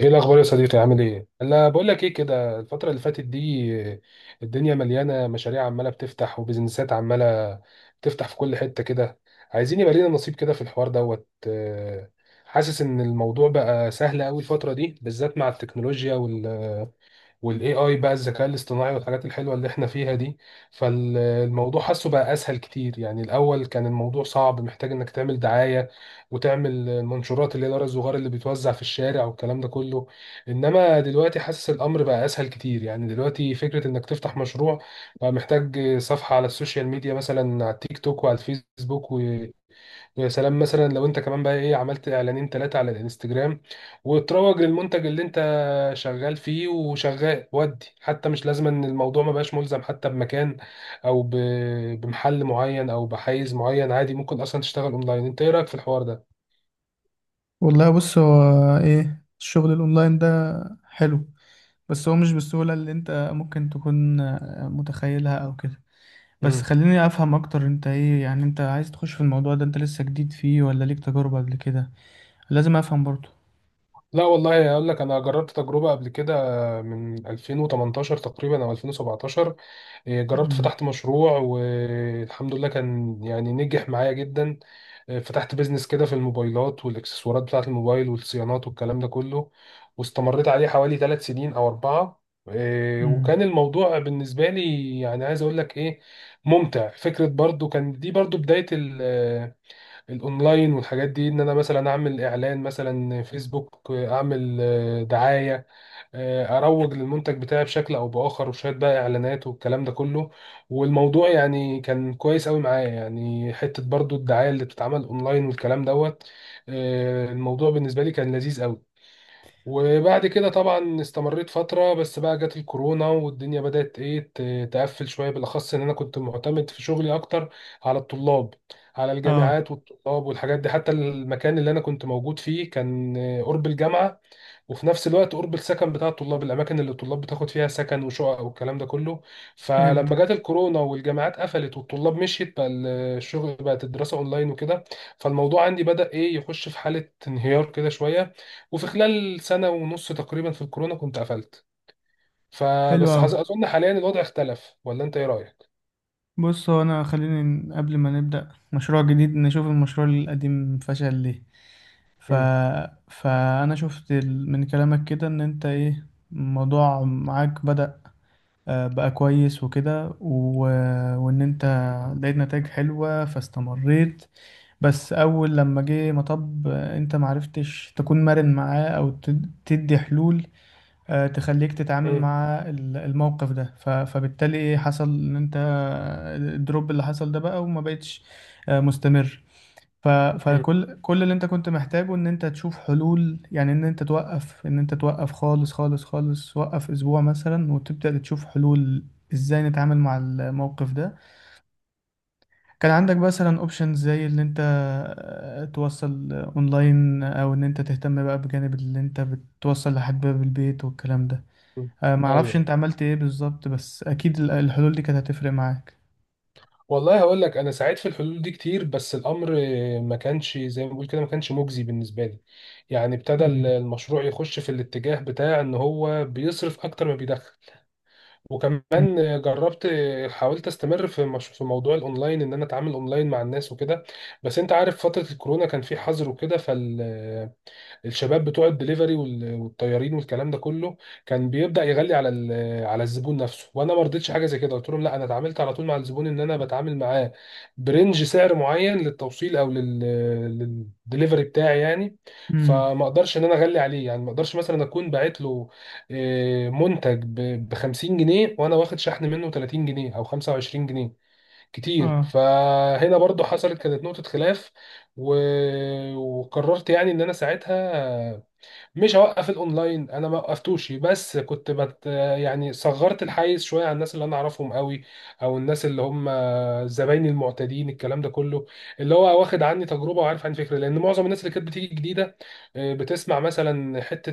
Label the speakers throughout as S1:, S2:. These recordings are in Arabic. S1: ايه الاخبار يا صديقي؟ عامل ايه؟ انا بقول لك ايه كده الفتره اللي فاتت دي الدنيا مليانه مشاريع عماله بتفتح وبزنسات عماله بتفتح في كل حته كده. عايزين يبقى لنا نصيب كده في الحوار دوت. حاسس ان الموضوع بقى سهل قوي الفتره دي بالذات مع التكنولوجيا والاي اي بقى الذكاء الاصطناعي والحاجات الحلوه اللي احنا فيها دي. فالموضوع حاسه بقى اسهل كتير، يعني الاول كان الموضوع صعب محتاج انك تعمل دعايه وتعمل المنشورات اللي هي الورق الصغير اللي بيتوزع في الشارع والكلام ده كله. انما دلوقتي حاسس الامر بقى اسهل كتير، يعني دلوقتي فكره انك تفتح مشروع بقى محتاج صفحه على السوشيال ميديا مثلا على التيك توك وعلى الفيسبوك. يا سلام مثلا لو انت كمان بقى ايه عملت اعلانين ثلاثة على الانستجرام وتروج للمنتج اللي انت شغال فيه وشغال، ودي حتى مش لازم، ان الموضوع ما بقاش ملزم حتى بمكان او بمحل معين او بحيز معين، عادي ممكن اصلا تشتغل اونلاين. انت ايه رأيك في الحوار ده؟
S2: والله، بص هو، ايه الشغل الاونلاين ده؟ حلو. بس هو مش بالسهولة اللي انت ممكن تكون متخيلها او كده. بس
S1: مم.
S2: خليني افهم اكتر، انت ايه يعني، انت عايز تخش في الموضوع ده؟ انت لسه جديد فيه ولا ليك تجارب قبل كده؟ لازم افهم برضو.
S1: لا والله اقول لك انا جربت تجربة قبل كده من 2018 تقريبا او 2017. جربت
S2: امم.
S1: فتحت مشروع والحمد لله كان يعني نجح معايا جدا. فتحت بيزنس كده في الموبايلات والاكسسوارات بتاعة الموبايل والصيانات والكلام ده كله. واستمريت عليه حوالي 3 سنين او اربعة.
S2: امم.
S1: وكان الموضوع بالنسبة لي يعني عايز اقول لك ايه ممتع. فكرة برضو كان دي برضو بداية الاونلاين والحاجات دي، ان انا مثلا اعمل اعلان مثلا فيسبوك اعمل دعاية، اروج للمنتج بتاعي بشكل او باخر وشويه بقى اعلانات والكلام ده كله. والموضوع يعني كان كويس قوي معايا، يعني حته برضو الدعايه اللي بتتعمل اونلاين والكلام دوت. الموضوع بالنسبه لي كان لذيذ قوي. وبعد كده طبعا استمريت فتره. بس بقى جت الكورونا والدنيا بدات ايه تقفل شويه، بالاخص ان انا كنت معتمد في شغلي اكتر على الطلاب، على
S2: اه،
S1: الجامعات والطلاب والحاجات دي. حتى المكان اللي انا كنت موجود فيه كان قرب الجامعه، وفي نفس الوقت قرب السكن بتاع الطلاب، الاماكن اللي الطلاب بتاخد فيها سكن وشقق والكلام ده كله. فلما جت
S2: فهمتك.
S1: الكورونا والجامعات قفلت والطلاب مشيت بقى الشغل، بقت الدراسه اونلاين وكده. فالموضوع عندي بدا ايه يخش في حاله انهيار كده شويه. وفي خلال سنه ونص تقريبا في الكورونا كنت قفلت.
S2: حلو
S1: فبس
S2: اوي.
S1: اظن حاليا الوضع اختلف، ولا انت ايه رايك؟
S2: بص هو، انا خليني قبل ما نبدأ مشروع جديد نشوف المشروع القديم فشل ليه. ف...
S1: مم.
S2: فانا شفت من كلامك كده ان انت ايه، الموضوع معاك بدأ بقى كويس وكده وان انت لقيت نتائج حلوة فاستمريت. بس اول لما جه مطب انت معرفتش تكون مرن معاه او تدي حلول تخليك تتعامل
S1: مم.
S2: مع الموقف ده. فبالتالي ايه حصل ان انت الدروب اللي حصل ده بقى وما بقتش مستمر.
S1: مم.
S2: فكل اللي انت كنت محتاجه ان انت تشوف حلول يعني، ان انت توقف، ان انت توقف خالص، خالص خالص، وقف اسبوع مثلا وتبدأ تشوف حلول. ازاي نتعامل مع الموقف ده؟ كان عندك مثلا اوبشنز زي ان انت توصل اونلاين او ان انت تهتم بقى بجانب اللي انت بتوصل لحد باب البيت والكلام ده.
S1: مم.
S2: معرفش
S1: ايوه.
S2: انت عملت ايه بالظبط، بس اكيد الحلول دي كانت هتفرق معاك.
S1: والله هقول لك انا سعيت في الحلول دي كتير بس الامر ما كانش زي ما بقول كده، ما كانش مجزي بالنسبه لي. يعني ابتدى
S2: امم.
S1: المشروع يخش في الاتجاه بتاع ان هو بيصرف اكتر ما بيدخل. وكمان جربت، حاولت استمر في مش... في موضوع الاونلاين ان انا اتعامل اونلاين مع الناس وكده. بس انت عارف فتره الكورونا كان في حظر وكده، الشباب بتوع الدليفري والطيارين والكلام ده كله كان بيبدا يغلي على على الزبون نفسه، وانا ما رضيتش حاجه زي كده. قلت لهم لا، انا اتعاملت على طول مع الزبون ان انا بتعامل معاه برنج سعر معين للتوصيل او للدليفري بتاعي يعني.
S2: امم.
S1: فما اقدرش ان انا اغلي عليه، يعني ما اقدرش مثلا اكون باعت له منتج ب 50 جنيه وانا واخد شحن منه 30 جنيه او 25 جنيه كتير.
S2: اه،
S1: فهنا برضو حصلت، كانت نقطة خلاف. و... وقررت يعني ان انا ساعتها مش هوقف الاونلاين، انا ما وقفتوش. بس كنت يعني صغرت الحيز شويه عن الناس اللي انا اعرفهم قوي، او الناس اللي هم زبايني المعتادين، الكلام ده كله. اللي هو واخد عني تجربه وعارف عن فكره، لان معظم الناس اللي كانت بتيجي جديده بتسمع مثلا حته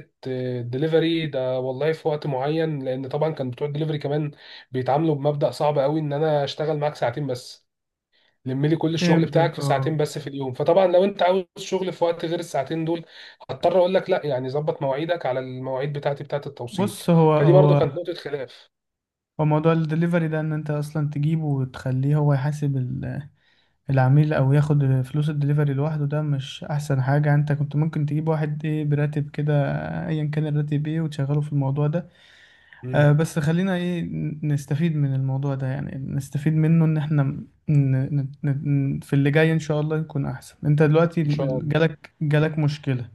S1: دليفري ده والله في وقت معين. لان طبعا كان بتوع الدليفري كمان بيتعاملوا بمبدأ صعب قوي، ان انا اشتغل معاك ساعتين بس، لم لي كل الشغل بتاعك
S2: فهمتك.
S1: في
S2: اه،
S1: ساعتين بس في اليوم. فطبعا لو انت عاوز شغل في وقت غير الساعتين دول هضطر اقول لك لا، يعني ظبط مواعيدك على المواعيد بتاعتي بتاعت التوصيل.
S2: بص هو
S1: فدي برضو
S2: هو
S1: كانت نقطة خلاف.
S2: هو موضوع الدليفري ده ان انت اصلا تجيبه وتخليه هو يحاسب العميل او ياخد فلوس الدليفري لوحده، ده مش احسن حاجة. انت كنت ممكن تجيب واحد ايه براتب كده، ايا كان الراتب ايه، وتشغله في الموضوع ده. آه،
S1: امم.
S2: بس خلينا ايه نستفيد من الموضوع ده، يعني نستفيد منه ان احنا في اللي جاي ان شاء الله نكون احسن. انت دلوقتي
S1: ان شاء الله.
S2: جالك مشكلة.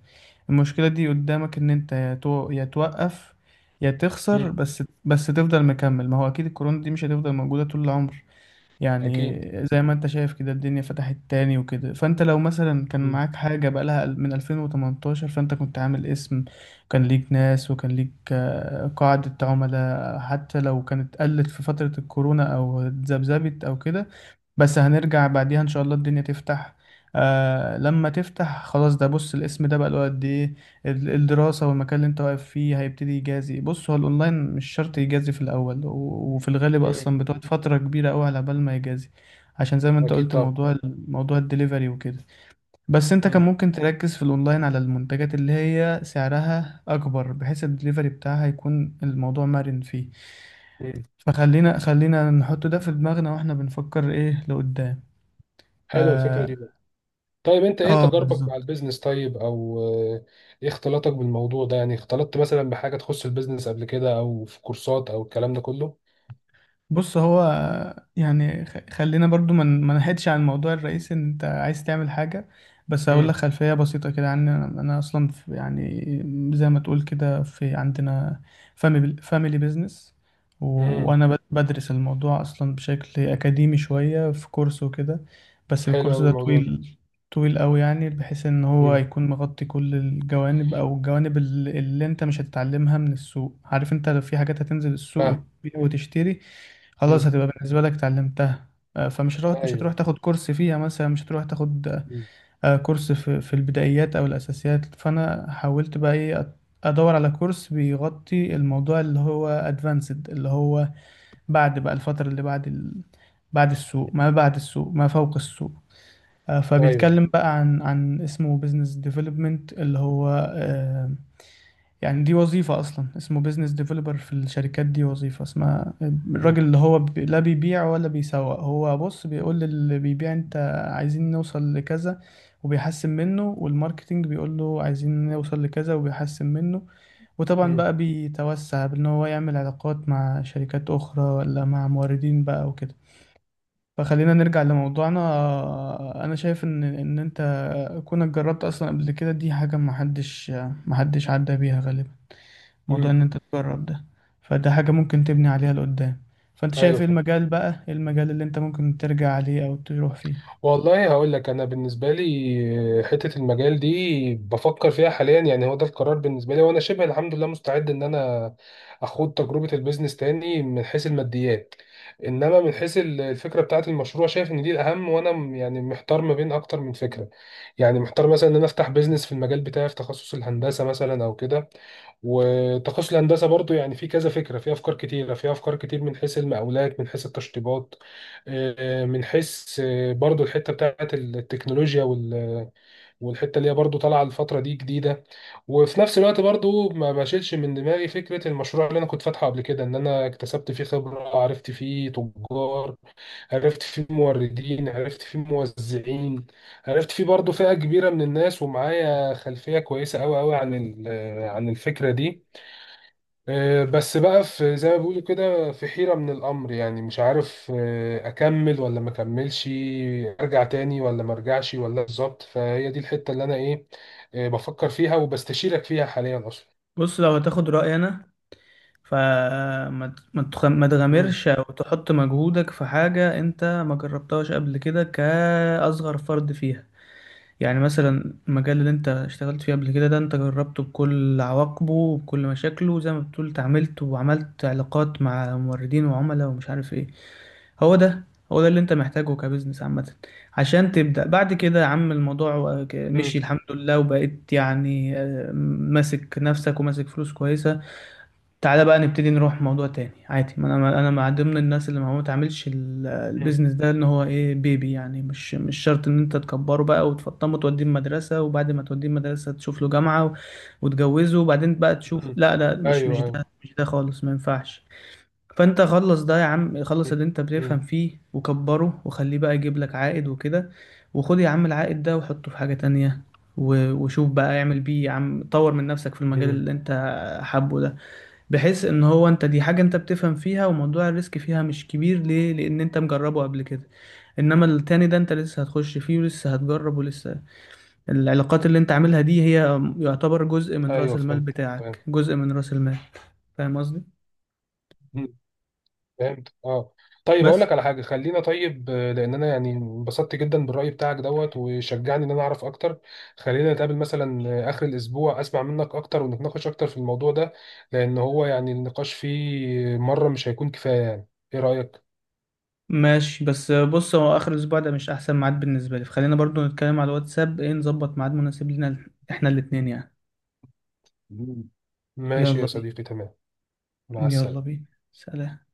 S2: المشكلة دي قدامك إن أنت يا توقف، يا تخسر،
S1: امم.
S2: بس تفضل مكمل. ما هو أكيد الكورونا دي مش هتفضل موجودة طول العمر يعني.
S1: اكيد.
S2: زي ما أنت شايف كده الدنيا فتحت تاني وكده. فأنت لو مثلا كان
S1: امم.
S2: معاك حاجة بقالها من 2018، فأنت كنت عامل اسم، كان ليك ناس، وكان ليك قاعدة عملاء. حتى لو كانت قلت في فترة الكورونا أو اتذبذبت أو كده، بس هنرجع بعديها ان شاء الله الدنيا تفتح. آه، لما تفتح خلاص، ده بص الاسم ده بقى له قد ايه. الدراسة والمكان اللي انت واقف فيه هيبتدي يجازي. بص هو الاونلاين مش شرط يجازي في الاول، وفي الغالب
S1: امم.
S2: اصلا بتقعد فترة كبيرة قوي على بال ما يجازي، عشان زي ما انت
S1: اكيد
S2: قلت
S1: طبعا.
S2: موضوع موضوع الدليفري وكده. بس انت كان
S1: امم.
S2: ممكن تركز في الاونلاين على المنتجات اللي هي سعرها اكبر، بحيث الدليفري بتاعها يكون الموضوع مرن فيه.
S1: امم.
S2: فخلينا نحط ده في دماغنا واحنا بنفكر ايه لقدام.
S1: حلوة الفكرة
S2: اه.
S1: دي برضو. طيب انت ايه
S2: آه،
S1: تجاربك مع
S2: بالظبط.
S1: البيزنس؟ طيب او ايه اختلاطك بالموضوع ده؟ يعني اختلطت مثلا بحاجة تخص البيزنس قبل كده، او في كورسات او الكلام ده كله؟
S2: بص هو، يعني خلينا برضو ما ما نحيدش عن الموضوع الرئيسي. ان انت عايز تعمل حاجة، بس هقول لك
S1: امم.
S2: خلفية بسيطة كده عني. انا، أنا اصلا في يعني زي ما تقول كده، في عندنا فاميلي بيزنس،
S1: امم.
S2: وانا بدرس الموضوع اصلا بشكل اكاديمي شوية في كورس وكده. بس
S1: حلو
S2: الكورس
S1: قوي
S2: ده
S1: الموضوع ده.
S2: طويل، طويل قوي يعني، بحيث ان هو
S1: امم.
S2: يكون مغطي كل الجوانب او الجوانب اللي انت مش هتتعلمها من السوق. عارف انت، لو في حاجات هتنزل السوق
S1: فاهم.
S2: وتبيع وتشتري، خلاص
S1: امم.
S2: هتبقى بالنسبة لك اتعلمتها. آه، فمش هتروح مش هتروح
S1: ايوه.
S2: تاخد كورس فيها مثلا، مش هتروح تاخد
S1: مم.
S2: كورس في البدايات أو الأساسيات. فأنا حاولت بقى إيه أدور على كورس بيغطي الموضوع اللي هو أدفانسد، اللي هو بعد بقى الفترة اللي بعد بعد السوق، ما بعد السوق، ما فوق السوق. آه،
S1: ايوه.
S2: فبيتكلم بقى عن اسمه بزنس ديفلوبمنت، اللي هو آه، يعني دي وظيفة أصلا اسمه بيزنس ديفلوبر في الشركات. دي وظيفة اسمها
S1: مم.
S2: الراجل اللي هو لا بيبيع ولا بيسوق، هو بص بيقول للي بيبيع: أنت عايزين نوصل لكذا، وبيحسن منه. والماركتينج بيقول له عايزين نوصل لكذا، وبيحسن منه. وطبعا
S1: مم.
S2: بقى بيتوسع بأن هو يعمل علاقات مع شركات أخرى ولا مع موردين بقى وكده. فخلينا نرجع لموضوعنا. أنا شايف إن أنت كونك جربت أصلا قبل كده دي حاجة محدش عدى بيها غالبا، موضوع
S1: مم.
S2: ان انت تجرب ده. فده حاجة ممكن تبني عليها لقدام. فانت شايف
S1: ايوه
S2: ايه
S1: فاهم.
S2: المجال بقى، إيه المجال اللي انت ممكن ترجع عليه او تروح فيه؟
S1: والله هقول لك انا بالنسبه لي حته المجال دي بفكر فيها حاليا، يعني هو ده القرار بالنسبه لي. وانا شبه الحمد لله مستعد ان انا اخوض تجربه البيزنس تاني من حيث الماديات. انما من حيث الفكره بتاعت المشروع شايف ان دي الاهم. وانا يعني محتار ما بين اكتر من فكره. يعني محتار مثلا ان انا افتح بيزنس في المجال بتاعي في تخصص الهندسه مثلا او كده. وتخصص الهندسه برضو يعني في كذا فكره، في افكار كتيره، في افكار كتير من حيث المقاولات، من حيث التشطيبات، من حيث برضو الحته بتاعت التكنولوجيا والحته اللي هي برضو طالعه الفتره دي جديده. وفي نفس الوقت برضو ما بشيلش من دماغي فكره المشروع اللي انا كنت فاتحه قبل كده ان انا اكتسبت فيه خبره، عرفت فيه تجار، عرفت فيه موردين، عرفت فيه موزعين، عرفت فيه برضو فئه كبيره من الناس، ومعايا خلفيه كويسه قوي قوي عن عن الفكره دي. بس بقى في زي ما بيقولوا كده في حيرة من الأمر، يعني مش عارف أكمل ولا ما أكملش، أرجع تاني ولا ما أرجعش ولا بالظبط. فهي دي الحتة اللي أنا إيه بفكر فيها وبستشيرك فيها حاليا أصلا.
S2: بص لو هتاخد رأيي أنا، فما ت- ما تخ- ما
S1: مم.
S2: تغامرش أو تحط مجهودك في حاجة أنت ما جربتهاش قبل كده كأصغر فرد فيها. يعني مثلا المجال اللي انت اشتغلت فيه قبل كده ده، انت جربته بكل عواقبه وبكل مشاكله، زي ما بتقول اتعاملت وعملت علاقات مع موردين وعملاء ومش عارف ايه. هو ده هو ده اللي انت محتاجه كبزنس عامة عشان تبدأ بعد كده. يا عم، الموضوع مشي
S1: مم.
S2: الحمد لله، وبقيت يعني ماسك نفسك وماسك فلوس كويسة. تعالى بقى نبتدي نروح موضوع تاني عادي. ما انا مع ضمن الناس اللي ما هو تعملش
S1: مم.
S2: البيزنس ده ان هو ايه بيبي يعني. مش شرط ان انت تكبره بقى وتفطمه، توديه المدرسه، وبعد ما توديه المدرسه تشوف له جامعه، وتجوزه، وبعدين بقى تشوف.
S1: مم.
S2: لا، لا، مش
S1: أيوه
S2: مش
S1: أيوه.
S2: ده مش ده خالص، ما ينفعش. فانت خلص ده يا عم، خلص
S1: مم.
S2: اللي انت بتفهم
S1: مم.
S2: فيه وكبره وخليه بقى يجيب لك عائد وكده. وخد يا عم العائد ده وحطه في حاجه تانية، وشوف بقى اعمل بيه يا عم. طور من نفسك في المجال
S1: مم.
S2: اللي انت حابه ده، بحيث ان هو انت دي حاجة انت بتفهم فيها وموضوع الريسك فيها مش كبير ليه، لان انت مجربه قبل كده. انما التاني ده انت لسه هتخش فيه ولسه هتجرب ولسه، العلاقات اللي انت عاملها دي هي يعتبر جزء من رأس
S1: أيوه
S2: المال
S1: فهمت.
S2: بتاعك،
S1: فهمت.
S2: جزء من رأس المال. فاهم قصدي؟
S1: فهمت اه. طيب هقول
S2: بس.
S1: لك على حاجه، خلينا طيب لان انا يعني انبسطت جدا بالراي بتاعك دوت وشجعني ان انا اعرف اكتر. خلينا نتقابل مثلا اخر الاسبوع اسمع منك اكتر، ونتناقش اكتر في الموضوع ده، لان هو يعني النقاش فيه مره مش هيكون كفايه يعني. ايه رايك؟
S2: ماشي، بس بص هو اخر الاسبوع ده مش احسن ميعاد بالنسبة لي، فخلينا برضو نتكلم على الواتساب ايه، نظبط ميعاد مناسب لنا احنا الاتنين يعني.
S1: مم. ماشي
S2: يلا
S1: يا
S2: بينا.
S1: صديقي، تمام. مع
S2: يلا
S1: السلامه.
S2: بينا. سلام.